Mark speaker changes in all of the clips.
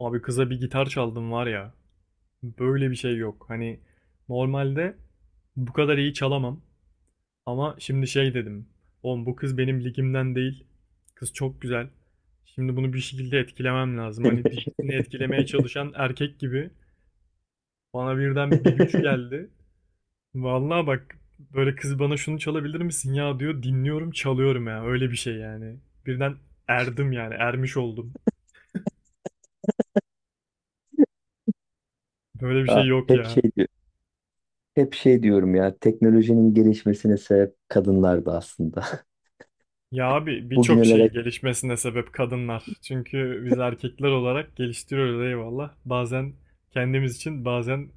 Speaker 1: Abi kıza bir gitar çaldım var ya. Böyle bir şey yok. Hani normalde bu kadar iyi çalamam. Ama şimdi şey dedim. Oğlum bu kız benim ligimden değil. Kız çok güzel. Şimdi bunu bir şekilde etkilemem lazım. Hani dişisini etkilemeye çalışan erkek gibi bana birden bir güç geldi. Vallahi bak böyle kız bana şunu çalabilir misin ya diyor. Dinliyorum çalıyorum ya. Öyle bir şey yani. Birden erdim yani ermiş oldum. Böyle bir şey
Speaker 2: Ha,
Speaker 1: yok
Speaker 2: hep şey
Speaker 1: ya.
Speaker 2: diyor. Hep şey diyorum ya. Teknolojinin gelişmesine sebep kadınlardı aslında.
Speaker 1: Ya abi birçok
Speaker 2: Bugünlere
Speaker 1: şeyin gelişmesine sebep kadınlar. Çünkü biz erkekler olarak geliştiriyoruz eyvallah. Bazen kendimiz için bazen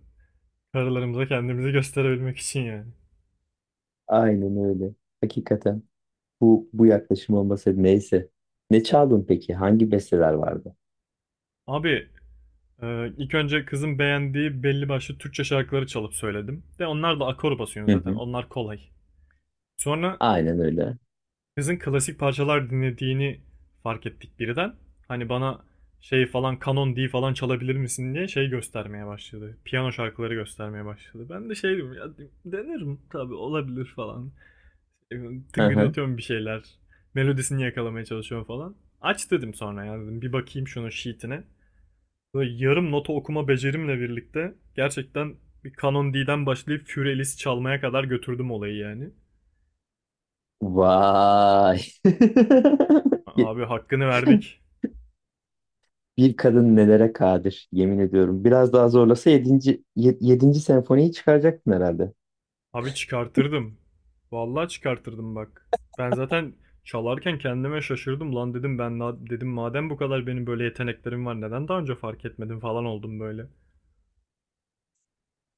Speaker 1: karılarımıza kendimizi gösterebilmek için yani.
Speaker 2: aynen öyle. Hakikaten bu yaklaşım olmasaydı neyse. Ne çaldın peki? Hangi besteler vardı?
Speaker 1: Abi ilk önce kızın beğendiği belli başlı Türkçe şarkıları çalıp söyledim. De onlar da akor basıyorsun
Speaker 2: Hı
Speaker 1: zaten
Speaker 2: hı.
Speaker 1: onlar kolay. Sonra
Speaker 2: Aynen öyle.
Speaker 1: kızın klasik parçalar dinlediğini fark ettik birden. Hani bana şey falan kanon D falan çalabilir misin diye şey göstermeye başladı. Piyano şarkıları göstermeye başladı. Ben de şey dedim ya denerim tabii olabilir falan. E,
Speaker 2: Hı hı.
Speaker 1: Tıngırdatıyorum bir şeyler. Melodisini yakalamaya çalışıyorum falan. Aç dedim sonra ya dedim bir bakayım şunun sheetine. Böyle yarım nota okuma becerimle birlikte gerçekten bir kanon D'den başlayıp Fury Alice çalmaya kadar götürdüm olayı yani.
Speaker 2: Vay. Bir,
Speaker 1: Abi hakkını verdik.
Speaker 2: bir kadın nelere kadir, yemin ediyorum. Biraz daha zorlasa 7. senfoniyi çıkaracaktın herhalde.
Speaker 1: Abi çıkartırdım. Vallahi çıkartırdım bak. Ben zaten çalarken kendime şaşırdım lan dedim ben dedim madem bu kadar benim böyle yeteneklerim var neden daha önce fark etmedim falan oldum böyle.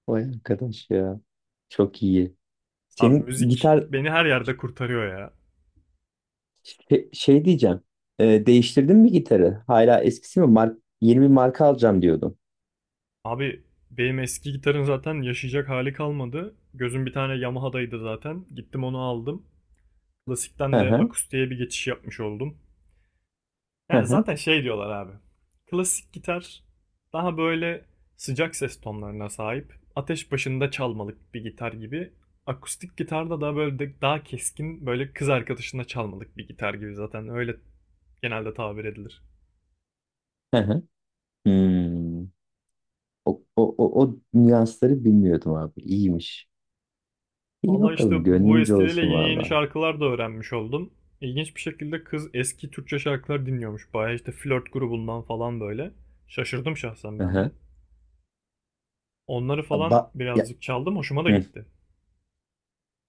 Speaker 2: Vay arkadaş ya. Çok iyi.
Speaker 1: Abi
Speaker 2: Senin
Speaker 1: müzik
Speaker 2: gitar.
Speaker 1: beni her yerde kurtarıyor ya.
Speaker 2: Şey, şey diyeceğim. Değiştirdin mi gitarı? Hala eskisi mi? Yeni bir marka alacağım diyordun.
Speaker 1: Abi benim eski gitarın zaten yaşayacak hali kalmadı. Gözüm bir tane Yamaha'daydı zaten. Gittim onu aldım. Klasikten
Speaker 2: Hı
Speaker 1: de
Speaker 2: hı.
Speaker 1: akustiğe bir geçiş yapmış oldum.
Speaker 2: Hı
Speaker 1: Yani
Speaker 2: hı.
Speaker 1: zaten şey diyorlar abi. Klasik gitar daha böyle sıcak ses tonlarına sahip. Ateş başında çalmalık bir gitar gibi. Akustik gitar da daha böyle daha keskin böyle kız arkadaşına çalmalık bir gitar gibi zaten öyle genelde tabir edilir.
Speaker 2: Hı hı. Hmm. O nüansları bilmiyordum abi. İyiymiş. İyi
Speaker 1: Vallahi işte
Speaker 2: bakalım.
Speaker 1: bu
Speaker 2: Gönlünce
Speaker 1: vesileyle
Speaker 2: olsun
Speaker 1: yeni yeni
Speaker 2: valla.
Speaker 1: şarkılar da öğrenmiş oldum. İlginç bir şekilde kız eski Türkçe şarkılar dinliyormuş. Bayağı işte flört grubundan falan böyle. Şaşırdım şahsen
Speaker 2: Hı
Speaker 1: ben de.
Speaker 2: hı.
Speaker 1: Onları falan
Speaker 2: Ba ya,
Speaker 1: birazcık çaldım hoşuma da
Speaker 2: hı.
Speaker 1: gitti.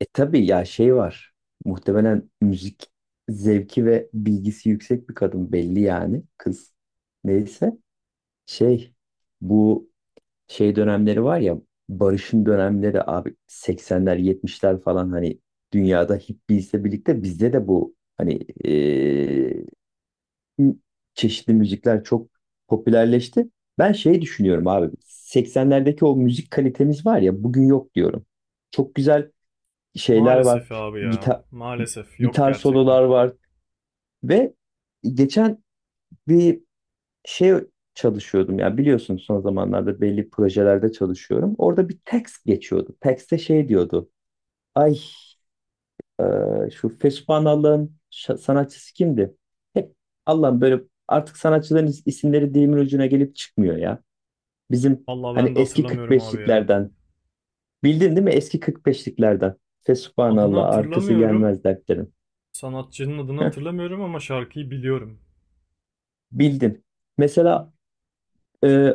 Speaker 2: E tabii ya şey var. Muhtemelen müzik zevki ve bilgisi yüksek bir kadın belli yani. Kız. Neyse. Şey. Bu şey dönemleri var ya, barışın dönemleri abi, 80'ler, 70'ler falan, hani dünyada hippiesle birlikte bizde de bu hani, eee, çeşitli müzikler çok popülerleşti. Ben şey düşünüyorum abi, 80'lerdeki o müzik kalitemiz var ya, bugün yok diyorum. Çok güzel şeyler var.
Speaker 1: Maalesef abi ya.
Speaker 2: Gitar,
Speaker 1: Maalesef yok
Speaker 2: gitar
Speaker 1: gerçekten.
Speaker 2: sololar var ve geçen bir şey çalışıyordum ya, biliyorsun son zamanlarda belli projelerde çalışıyorum. Orada bir text geçiyordu. Text'te şey diyordu. Ay, şu Fesuphanallah'ın sanatçısı kimdi? Hep Allah'ım, böyle artık sanatçıların isimleri dilimin ucuna gelip çıkmıyor ya. Bizim
Speaker 1: Vallahi
Speaker 2: hani
Speaker 1: ben de
Speaker 2: eski
Speaker 1: hatırlamıyorum abi ya.
Speaker 2: 45'liklerden, bildin değil mi? Eski 45'liklerden.
Speaker 1: Adını
Speaker 2: Fesuphanallah arkası
Speaker 1: hatırlamıyorum.
Speaker 2: gelmez dertlerin.
Speaker 1: Sanatçının adını
Speaker 2: Heh,
Speaker 1: hatırlamıyorum ama şarkıyı biliyorum.
Speaker 2: bildin. Mesela e,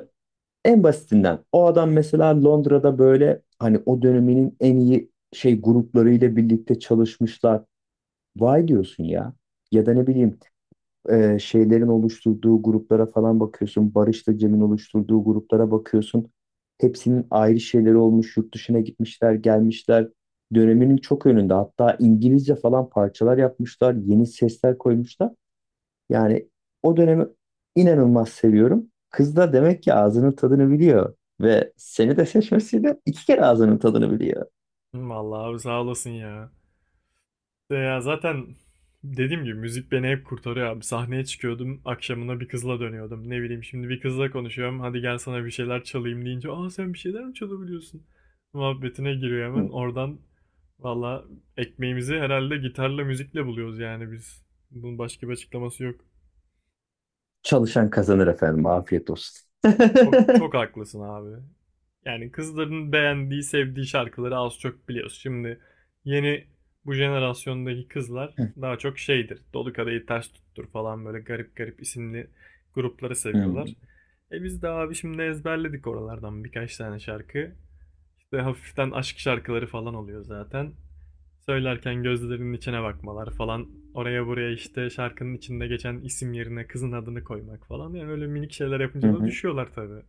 Speaker 2: en basitinden o adam mesela Londra'da böyle, hani o döneminin en iyi şey gruplarıyla birlikte çalışmışlar. Vay diyorsun ya. Ya da ne bileyim, şeylerin oluşturduğu gruplara falan bakıyorsun. Barış'la Cem'in oluşturduğu gruplara bakıyorsun. Hepsinin ayrı şeyleri olmuş. Yurt dışına gitmişler, gelmişler. Döneminin çok önünde. Hatta İngilizce falan parçalar yapmışlar. Yeni sesler koymuşlar. Yani o dönemi inanılmaz seviyorum. Kız da demek ki ağzının tadını biliyor. Ve seni de seçmesiyle iki kere ağzının tadını biliyor.
Speaker 1: Vallahi abi sağ olasın ya. De ya zaten dediğim gibi müzik beni hep kurtarıyor abi. Sahneye çıkıyordum, akşamına bir kızla dönüyordum. Ne bileyim şimdi bir kızla konuşuyorum. Hadi gel sana bir şeyler çalayım deyince, "Aa sen bir şeyler mi çalabiliyorsun?" muhabbetine giriyor
Speaker 2: Hı.
Speaker 1: hemen. Oradan valla ekmeğimizi herhalde gitarla müzikle buluyoruz yani biz. Bunun başka bir açıklaması yok.
Speaker 2: Çalışan kazanır efendim. Afiyet olsun.
Speaker 1: Çok haklısın abi. Yani kızların beğendiği, sevdiği şarkıları az çok biliyoruz. Şimdi yeni bu jenerasyondaki kızlar
Speaker 2: Hı.
Speaker 1: daha çok şeydir. Dolu Kadehi Ters Tuttur falan böyle garip garip isimli grupları seviyorlar. E biz de abi şimdi ezberledik oralardan birkaç tane şarkı. İşte hafiften aşk şarkıları falan oluyor zaten. Söylerken gözlerinin içine bakmalar falan. Oraya buraya işte şarkının içinde geçen isim yerine kızın adını koymak falan. Yani öyle minik şeyler
Speaker 2: Hı
Speaker 1: yapınca da
Speaker 2: hı.
Speaker 1: düşüyorlar tabii.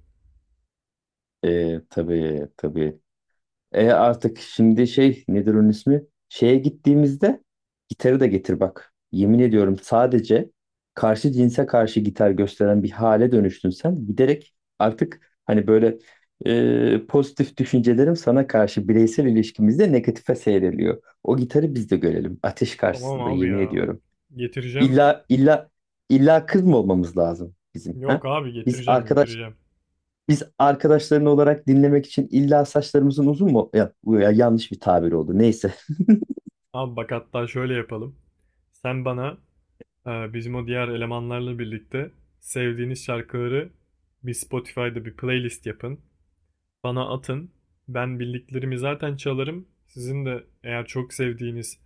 Speaker 2: Tabii tabii. E, artık şimdi şey nedir onun ismi? Şeye gittiğimizde gitarı da getir bak. Yemin ediyorum, sadece karşı cinse karşı gitar gösteren bir hale dönüştün sen. Giderek artık hani böyle, pozitif düşüncelerim sana karşı bireysel ilişkimizde negatife seyreliyor. O gitarı biz de görelim ateş
Speaker 1: Tamam
Speaker 2: karşısında,
Speaker 1: abi
Speaker 2: yemin
Speaker 1: ya.
Speaker 2: ediyorum.
Speaker 1: Getireceğim.
Speaker 2: İlla, illa, illa kız mı olmamız lazım bizim, ha?
Speaker 1: Yok abi
Speaker 2: Biz
Speaker 1: getireceğim
Speaker 2: arkadaş
Speaker 1: getireceğim.
Speaker 2: Biz arkadaşların olarak dinlemek için illa saçlarımızın uzun mu? Ya, bu ya yanlış bir tabir oldu. Neyse.
Speaker 1: Abi bak hatta şöyle yapalım. Sen bana bizim o diğer elemanlarla birlikte sevdiğiniz şarkıları bir Spotify'da bir playlist yapın. Bana atın. Ben bildiklerimi zaten çalarım. Sizin de eğer çok sevdiğiniz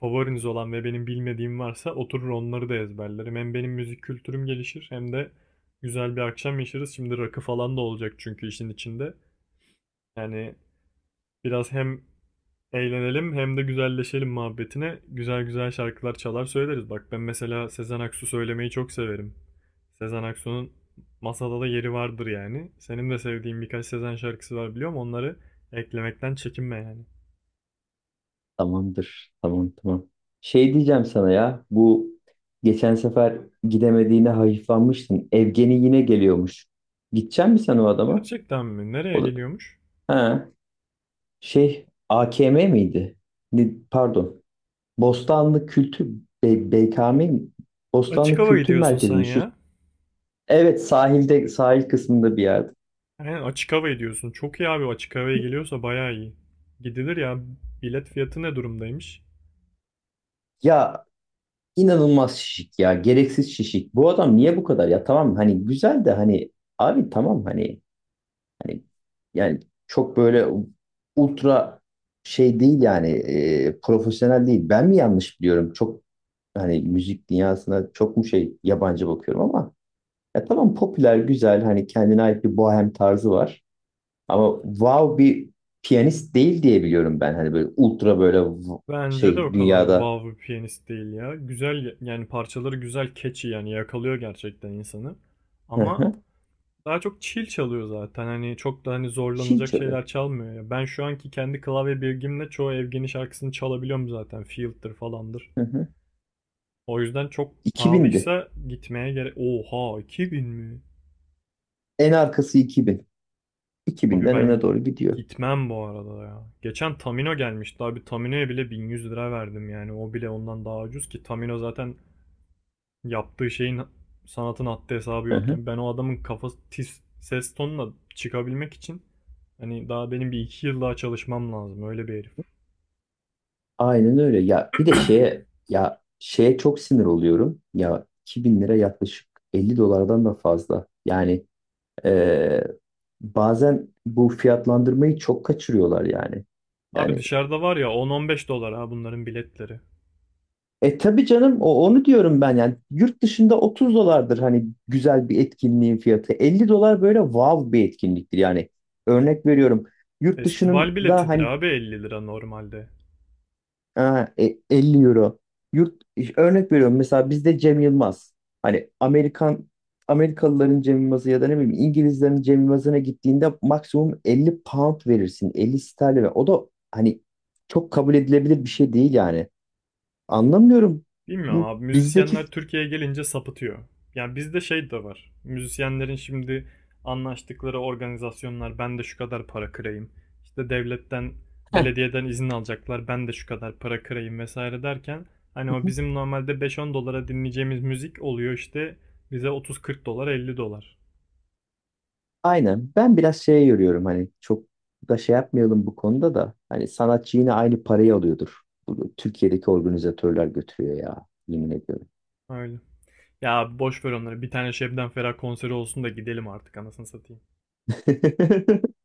Speaker 1: favoriniz olan ve benim bilmediğim varsa oturur onları da ezberlerim. Hem benim müzik kültürüm gelişir hem de güzel bir akşam yaşarız. Şimdi rakı falan da olacak çünkü işin içinde. Yani biraz hem eğlenelim hem de güzelleşelim muhabbetine güzel güzel şarkılar çalar söyleriz. Bak ben mesela Sezen Aksu söylemeyi çok severim. Sezen Aksu'nun masada da yeri vardır yani. Senin de sevdiğin birkaç Sezen şarkısı var biliyorum. Onları eklemekten çekinme yani.
Speaker 2: Tamamdır. Tamam, tamam. Şey diyeceğim sana ya. Bu geçen sefer gidemediğine hayıflanmıştın. Evgeni yine geliyormuş. Gidecek misin sen o adama?
Speaker 1: Gerçekten mi? Nereye
Speaker 2: O da,
Speaker 1: geliyormuş?
Speaker 2: ha, şey, AKM miydi? Pardon. Bostanlı Kültür, BKM mi?
Speaker 1: Açık
Speaker 2: Bostanlı
Speaker 1: hava
Speaker 2: Kültür
Speaker 1: gidiyorsun
Speaker 2: Merkezi
Speaker 1: sen
Speaker 2: mi? Şu,
Speaker 1: ya.
Speaker 2: evet, sahilde, sahil kısmında bir yerde.
Speaker 1: Aynen açık hava gidiyorsun. Çok iyi abi açık havaya geliyorsa bayağı iyi. Gidilir ya. Bilet fiyatı ne durumdaymış?
Speaker 2: Ya, İnanılmaz şişik ya. Gereksiz şişik. Bu adam niye bu kadar, ya? Tamam hani, güzel de hani abi, tamam hani yani çok böyle ultra şey değil yani, profesyonel değil. Ben mi yanlış biliyorum? Çok hani, müzik dünyasına çok mu şey, yabancı bakıyorum, ama ya tamam, popüler güzel, hani kendine ait bir bohem tarzı var. Ama wow bir piyanist değil diye biliyorum ben. Hani böyle ultra böyle,
Speaker 1: Bence de o
Speaker 2: şey
Speaker 1: kadar
Speaker 2: dünyada.
Speaker 1: wow bir piyanist değil ya. Güzel yani parçaları güzel, catchy yani yakalıyor gerçekten insanı.
Speaker 2: Hı
Speaker 1: Ama
Speaker 2: hı.
Speaker 1: daha çok chill çalıyor zaten. Hani çok da hani
Speaker 2: Şil
Speaker 1: zorlanacak
Speaker 2: çalıyor.
Speaker 1: şeyler çalmıyor ya. Ben şu anki kendi klavye bilgimle çoğu Evgen'i şarkısını çalabiliyorum zaten. Field'dir falandır.
Speaker 2: Hı hı.
Speaker 1: O yüzden çok
Speaker 2: 2000'di.
Speaker 1: pahalıysa gitmeye gerek... Oha 2000 mi?
Speaker 2: En arkası 2000.
Speaker 1: Abi
Speaker 2: 2000'den öne
Speaker 1: ben
Speaker 2: doğru gidiyor.
Speaker 1: gitmem bu arada ya. Geçen Tamino gelmişti abi. Tamino'ya bile 1100 lira verdim yani. O bile ondan daha ucuz ki Tamino zaten yaptığı şeyin sanatın haddi hesabı
Speaker 2: Hı hı.
Speaker 1: yokken ben o adamın kafası tiz ses tonuna çıkabilmek için hani daha benim bir iki yıl daha çalışmam lazım öyle bir herif.
Speaker 2: Aynen öyle. Ya bir de şeye, ya şeye çok sinir oluyorum. Ya 2000 lira, yaklaşık 50 dolardan da fazla. Yani eee, bazen bu fiyatlandırmayı çok kaçırıyorlar yani.
Speaker 1: Abi
Speaker 2: Yani,
Speaker 1: dışarıda var ya 10-15 dolar ha bunların biletleri.
Speaker 2: e tabii canım, o onu diyorum ben yani, yurt dışında 30 dolardır hani güzel bir etkinliğin fiyatı. 50 dolar böyle wow bir etkinliktir yani. Örnek veriyorum. Yurt
Speaker 1: Festival
Speaker 2: dışında
Speaker 1: biletidir
Speaker 2: hani.
Speaker 1: abi 50 lira normalde.
Speaker 2: Ha, 50 euro. Yurt örnek veriyorum, mesela bizde Cem Yılmaz. Hani, Amerikalıların Cem Yılmaz'ı ya da ne bileyim İngilizlerin Cem Yılmaz'ına gittiğinde maksimum 50 pound verirsin. 50 sterlin. O da hani çok kabul edilebilir bir şey değil yani. Anlamıyorum.
Speaker 1: Bilmiyorum
Speaker 2: Bu
Speaker 1: abi
Speaker 2: bizdeki.
Speaker 1: müzisyenler Türkiye'ye gelince sapıtıyor. Yani bizde şey de var. Müzisyenlerin şimdi anlaştıkları organizasyonlar ben de şu kadar para kırayım. İşte devletten,
Speaker 2: Heh,
Speaker 1: belediyeden izin alacaklar ben de şu kadar para kırayım vesaire derken hani o bizim normalde 5-10 dolara dinleyeceğimiz müzik oluyor işte bize 30-40 dolar 50 dolar.
Speaker 2: aynen. Ben biraz şeye yoruyorum, hani çok da şey yapmayalım bu konuda da. Hani sanatçı yine aynı parayı alıyordur. Bunu Türkiye'deki organizatörler götürüyor ya. Yemin ediyorum.
Speaker 1: Öyle. Ya boş ver onları. Bir tane Şebnem Ferah konseri olsun da gidelim artık anasını satayım.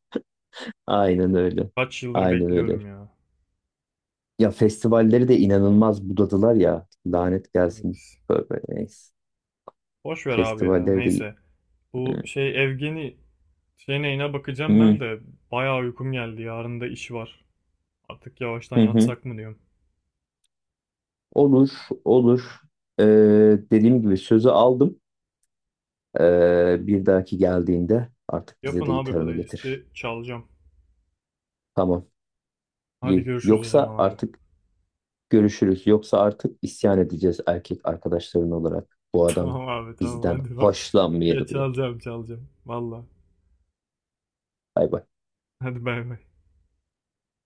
Speaker 2: Aynen öyle.
Speaker 1: Kaç yıldır
Speaker 2: Aynen öyle.
Speaker 1: bekliyorum ya.
Speaker 2: Ya festivalleri de inanılmaz budadılar ya. Lanet gelsin.
Speaker 1: Evet.
Speaker 2: Böyle, neyse.
Speaker 1: Boş ver abi ya.
Speaker 2: Festivalleri de...
Speaker 1: Neyse. Bu
Speaker 2: Hı,
Speaker 1: şey Evgeni şey neyine bakacağım ben de bayağı uykum geldi. Yarın da iş var. Artık yavaştan
Speaker 2: hı, hı.
Speaker 1: yatsak mı diyorum.
Speaker 2: Olur, olur. Ee, dediğim gibi sözü aldım. Bir dahaki geldiğinde artık bize
Speaker 1: Yapın
Speaker 2: de
Speaker 1: abi
Speaker 2: gitarını getir.
Speaker 1: playlisti çalacağım.
Speaker 2: Tamam.
Speaker 1: Hadi
Speaker 2: İyi.
Speaker 1: görüşürüz o
Speaker 2: Yoksa
Speaker 1: zaman abi.
Speaker 2: artık görüşürüz. Yoksa artık isyan edeceğiz erkek arkadaşların olarak. Bu adam
Speaker 1: Tamam abi tamam
Speaker 2: bizden
Speaker 1: hadi bak. Geç
Speaker 2: hoşlanmıyor diye.
Speaker 1: çalacağım çalacağım. Valla.
Speaker 2: Bay bay.
Speaker 1: Hadi bay bay.